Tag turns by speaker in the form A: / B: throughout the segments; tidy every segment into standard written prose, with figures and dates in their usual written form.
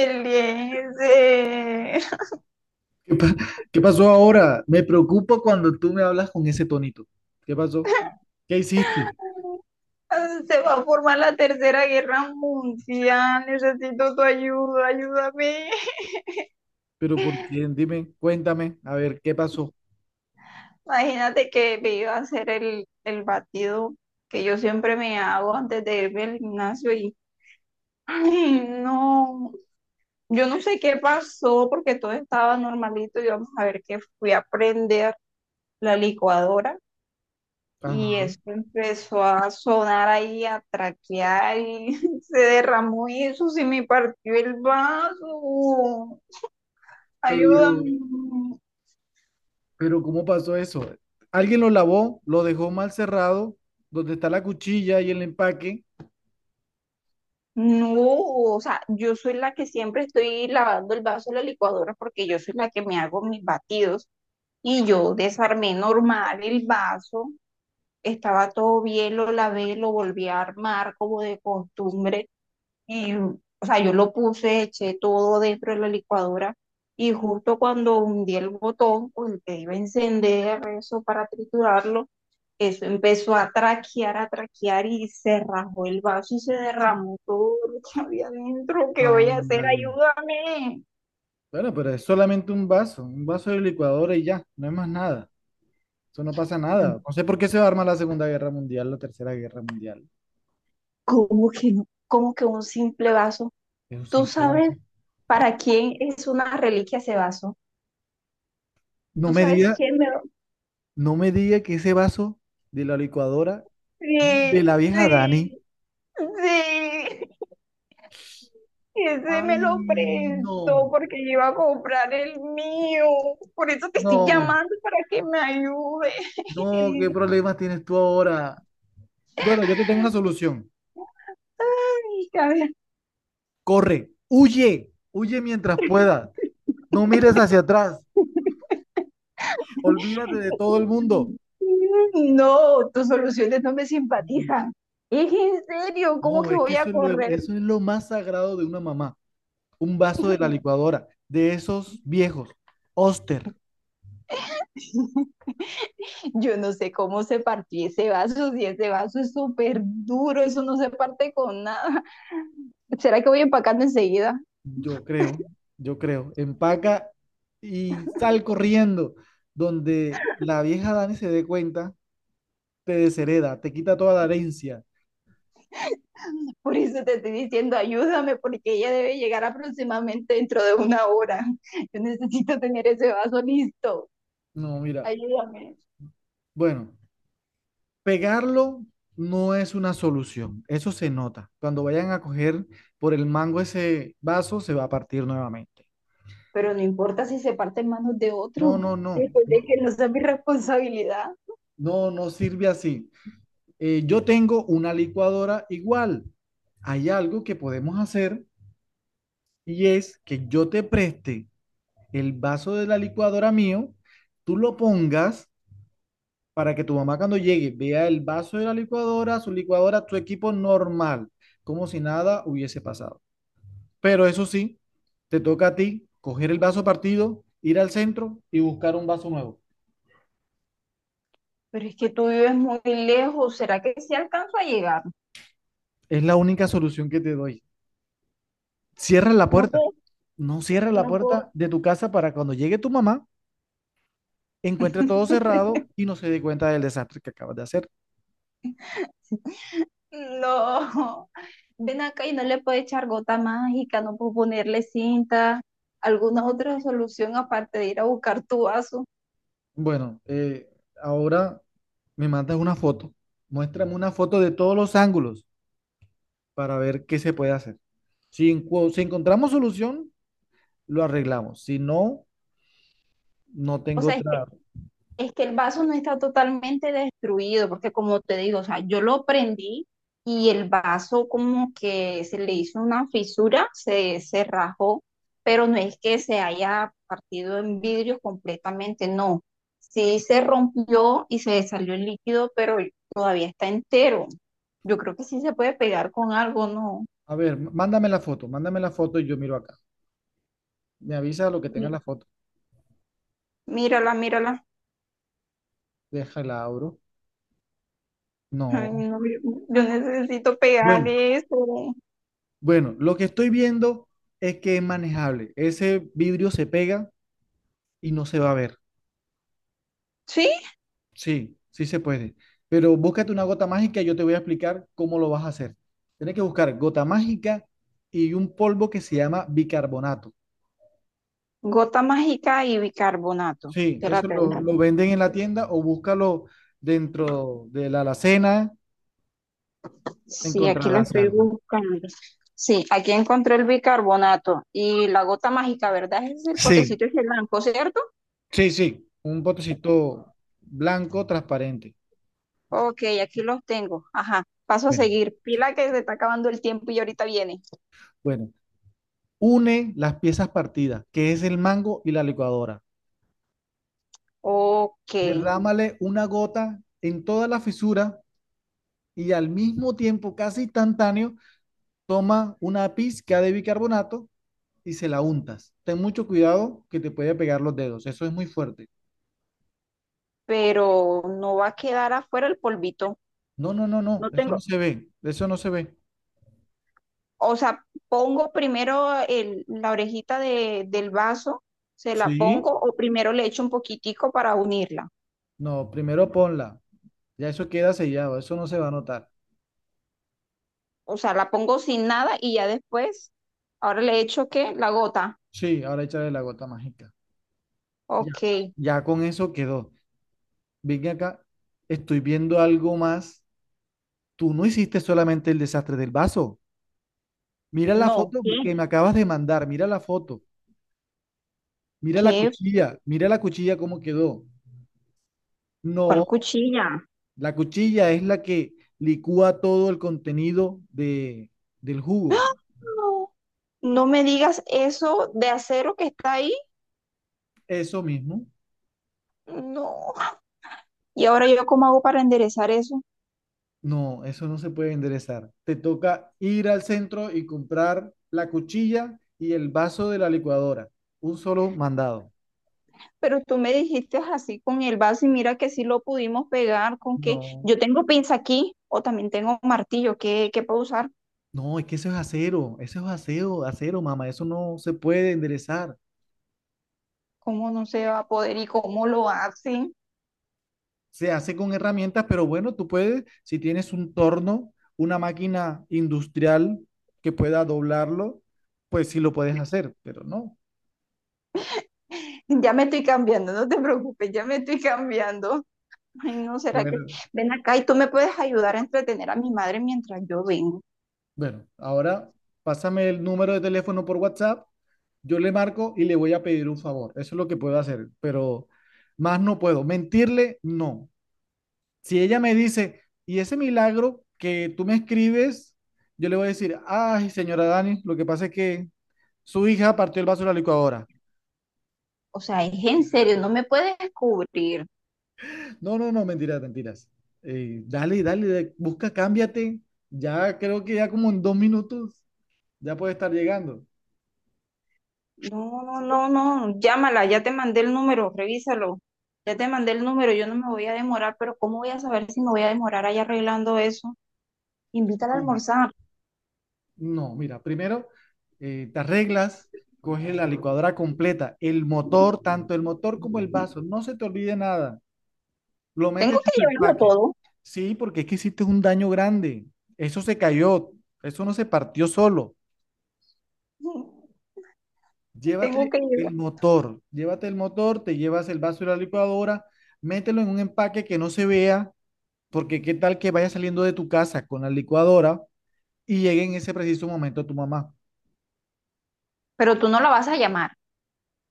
A: Eliezer,
B: ¿Qué pa- ¿Qué pasó ahora? Me preocupa cuando tú me hablas con ese tonito. ¿Qué pasó? ¿Qué hiciste?
A: se va a formar la tercera guerra mundial, necesito tu ayuda, ayúdame.
B: ¿Pero por quién? Dime, cuéntame, a ver, ¿qué pasó?
A: Imagínate que me iba a hacer el batido que yo siempre me hago antes de irme al gimnasio y, ay, no, yo no sé qué pasó porque todo estaba normalito y vamos a ver qué fui a prender la licuadora. Y
B: Ajá.
A: eso empezó a sonar ahí, a traquear y se derramó y eso se me partió el vaso.
B: Pero,
A: Ayúdame.
B: pero ¿cómo pasó eso? Alguien lo lavó, lo dejó mal cerrado, donde está la cuchilla y el empaque.
A: No, o sea, yo soy la que siempre estoy lavando el vaso de la licuadora porque yo soy la que me hago mis batidos y yo desarmé normal el vaso. Estaba todo bien, lo lavé, lo volví a armar como de costumbre. Y, o sea, yo lo puse, eché todo dentro de la licuadora y justo cuando hundí el botón con el que iba a encender eso para triturarlo, eso empezó a traquear y se rajó el vaso y se derramó todo lo que había dentro. ¿Qué voy a hacer?
B: Ándale.
A: Ayúdame.
B: Bueno, pero es solamente un vaso de licuadora y ya, no es más nada. Eso no pasa nada. No sé por qué se va a armar la Segunda Guerra Mundial, la Tercera Guerra Mundial.
A: ¿Cómo que no? ¿Cómo que un simple vaso?
B: Es un
A: ¿Tú
B: simple vaso.
A: sabes para quién es una reliquia ese vaso?
B: No
A: ¿Tú
B: me
A: sabes
B: digas,
A: quién me lo...
B: no me diga que ese vaso de la licuadora es de
A: Sí,
B: la vieja Dani.
A: sí, sí. Ese
B: Ay,
A: me lo prestó
B: no,
A: porque yo iba a comprar el mío. Por eso te estoy
B: no,
A: llamando para que me ayudes.
B: no, ¿qué problemas tienes tú ahora? Bueno, yo te tengo una solución.
A: Ay, cabeza.
B: Corre, huye, huye mientras puedas. No mires hacia atrás. Olvídate de todo el mundo.
A: No, tus soluciones no me simpatizan. Es en serio, ¿cómo
B: No,
A: que
B: es que
A: voy a
B: eso es lo,
A: correr?
B: eso es lo más sagrado de una mamá. Un vaso de la licuadora, de esos viejos. Oster.
A: Yo no sé cómo se partió ese vaso, si ese vaso es súper duro, eso no se parte con nada. ¿Será que voy empacando enseguida?
B: Yo creo, yo creo. Empaca y sal corriendo. Donde la vieja Dani se dé cuenta, te deshereda, te quita toda la herencia.
A: Por eso te estoy diciendo, ayúdame, porque ella debe llegar aproximadamente dentro de una hora. Yo necesito tener ese vaso listo.
B: No, mira.
A: Ayúdame.
B: Bueno, pegarlo no es una solución. Eso se nota. Cuando vayan a coger por el mango ese vaso, se va a partir nuevamente.
A: Pero no importa si se parte en manos de
B: No,
A: otro.
B: no, no.
A: Después de
B: No,
A: que no sea mi responsabilidad.
B: no, no sirve así. Yo tengo una licuadora igual. Hay algo que podemos hacer y es que yo te preste el vaso de la licuadora mío, tú lo pongas para que tu mamá cuando llegue vea el vaso de la licuadora, su licuadora, tu equipo normal, como si nada hubiese pasado. Pero eso sí, te toca a ti coger el vaso partido, ir al centro y buscar un vaso nuevo.
A: Pero es que tú vives muy lejos. ¿Será que sí alcanzo a llegar?
B: Es la única solución que te doy. Cierra la
A: No
B: puerta.
A: puedo,
B: No cierra la
A: no puedo.
B: puerta de tu casa para cuando llegue tu mamá, encuentre todo cerrado y no se dé cuenta del desastre que acabas de hacer.
A: No. Ven acá y no le puedo echar gota mágica, no puedo ponerle cinta, alguna otra solución aparte de ir a buscar tu vaso.
B: Bueno, ahora me mandas una foto. Muéstrame una foto de todos los ángulos para ver qué se puede hacer. Si, si encontramos solución, lo arreglamos. Si no, no
A: O
B: tengo
A: sea, es que
B: otra.
A: es que el vaso no está totalmente destruido, porque como te digo, o sea, yo lo prendí y el vaso como que se le hizo una fisura, se rajó, pero no es que se haya partido en vidrio completamente, no. Sí se rompió y se salió el líquido, pero todavía está entero. Yo creo que sí se puede pegar con algo, ¿no?
B: A ver, mándame la foto y yo miro acá. Me avisa lo que tenga
A: Mi-
B: la foto.
A: Mírala, mírala.
B: Déjala, abro.
A: Ay,
B: No.
A: no, yo necesito pegar
B: Bueno,
A: eso.
B: bueno, lo que estoy viendo es que es manejable. Ese vidrio se pega y no se va a ver. Sí, sí se puede. Pero búscate una gota mágica, y yo te voy a explicar cómo lo vas a hacer. Tienes que buscar gota mágica y un polvo que se llama bicarbonato.
A: Gota mágica y bicarbonato.
B: Sí, eso
A: Espérate,
B: lo venden en la tienda o búscalo dentro de la alacena,
A: sí, aquí lo
B: encontrarás
A: estoy
B: algo.
A: buscando. Sí, aquí encontré el bicarbonato y la gota mágica, ¿verdad? Ese es el
B: Sí,
A: potecito y el blanco, ¿cierto?
B: sí, sí, un potecito blanco transparente.
A: Ok, aquí los tengo. Ajá, paso a
B: Bueno,
A: seguir. Pila que se está acabando el tiempo y ahorita viene.
B: bueno, une las piezas partidas, que es el mango y la licuadora.
A: Ok,
B: Derrámale una gota en toda la fisura y al mismo tiempo, casi instantáneo, toma una pizca de bicarbonato y se la untas. Ten mucho cuidado que te puede pegar los dedos, eso es muy fuerte.
A: pero no va a quedar afuera el polvito.
B: No, no, no, no,
A: No
B: eso no
A: tengo,
B: se ve, eso no se ve.
A: o sea, pongo primero la orejita del vaso, se la pongo
B: Sí.
A: o primero le echo un poquitico para unirla.
B: No, primero ponla, ya eso queda sellado, eso no se va a notar.
A: O sea, la pongo sin nada y ya después, ahora le echo qué, la gota.
B: Sí, ahora échale la gota mágica. Ya,
A: Ok,
B: ya con eso quedó. Ven acá, estoy viendo algo más. Tú no hiciste solamente el desastre del vaso. Mira la
A: no.
B: foto
A: ¿Qué?
B: que me acabas de mandar, mira la foto.
A: ¿Qué?
B: Mira la cuchilla cómo quedó.
A: ¿Cuál
B: No,
A: cuchilla?
B: la cuchilla es la que licúa todo el contenido del jugo.
A: No, no me digas eso de acero que está ahí.
B: Eso mismo.
A: No. ¿Y ahora yo cómo hago para enderezar eso?
B: No, eso no se puede enderezar. Te toca ir al centro y comprar la cuchilla y el vaso de la licuadora. Un solo mandado.
A: Pero tú me dijiste así con el vaso y mira que sí lo pudimos pegar con que
B: No,
A: yo tengo pinza aquí o también tengo martillo. Qué puedo usar?
B: no, es que eso es acero, acero, mamá. Eso no se puede enderezar.
A: ¿Cómo no se va a poder y cómo lo hacen?
B: Se hace con herramientas, pero bueno, tú puedes, si tienes un torno, una máquina industrial que pueda doblarlo, pues sí lo puedes hacer, pero no.
A: Ya me estoy cambiando, no te preocupes, ya me estoy cambiando. Ay, no, será que
B: Bueno,
A: ven acá y tú me puedes ayudar a entretener a mi madre mientras yo vengo.
B: bueno, ahora pásame el número de teléfono por WhatsApp, yo le marco y le voy a pedir un favor. Eso es lo que puedo hacer, pero más no puedo. Mentirle, no. Si ella me dice, y ese milagro que tú me escribes, yo le voy a decir, ay, señora Dani, lo que pasa es que su hija partió el vaso de la licuadora.
A: O sea, es en serio, no me puedes cubrir.
B: No, no, no, mentiras, mentiras. Dale, dale, busca, cámbiate. Ya creo que ya como en 2 minutos ya puede estar llegando.
A: No, no, no, no, llámala, ya te mandé el número, revísalo. Ya te mandé el número, yo no me voy a demorar, pero ¿cómo voy a saber si me voy a demorar ahí arreglando eso? Invítala a
B: No,
A: almorzar.
B: no, mira, primero te arreglas, coges la licuadora completa, el motor, tanto el motor como el vaso, no se te olvide nada. Lo metes
A: Tengo
B: en
A: que
B: tu
A: llevarlo
B: empaque.
A: todo.
B: Sí, porque es que hiciste un daño grande. Eso se cayó, eso no se partió solo.
A: Tengo que llevar.
B: Llévate el motor, te llevas el vaso de la licuadora, mételo en un empaque que no se vea, porque qué tal que vaya saliendo de tu casa con la licuadora y llegue en ese preciso momento tu mamá.
A: Pero tú no la vas a llamar.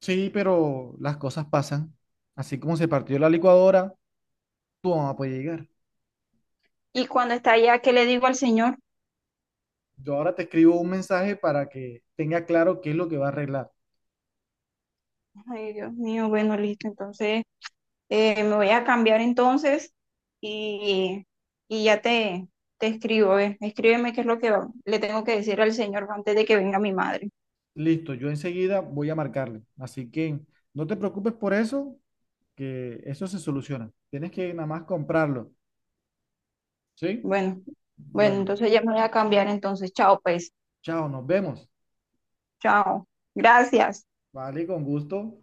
B: Sí, pero las cosas pasan. Así como se partió la licuadora, tu mamá puede llegar.
A: Y cuando está allá, ¿qué le digo al señor?
B: Yo ahora te escribo un mensaje para que tenga claro qué es lo que va a arreglar.
A: Ay, Dios mío, bueno, listo, entonces. Me voy a cambiar entonces y, y ya te escribo. Escríbeme qué es lo que le tengo que decir al señor antes de que venga mi madre.
B: Listo, yo enseguida voy a marcarle. Así que no te preocupes por eso, que eso se soluciona. Tienes que nada más comprarlo, ¿sí?
A: Bueno, bueno,
B: Bueno,
A: entonces ya me voy a cambiar entonces. Chao, pues.
B: chao, nos vemos.
A: Chao. Gracias.
B: Vale, con gusto.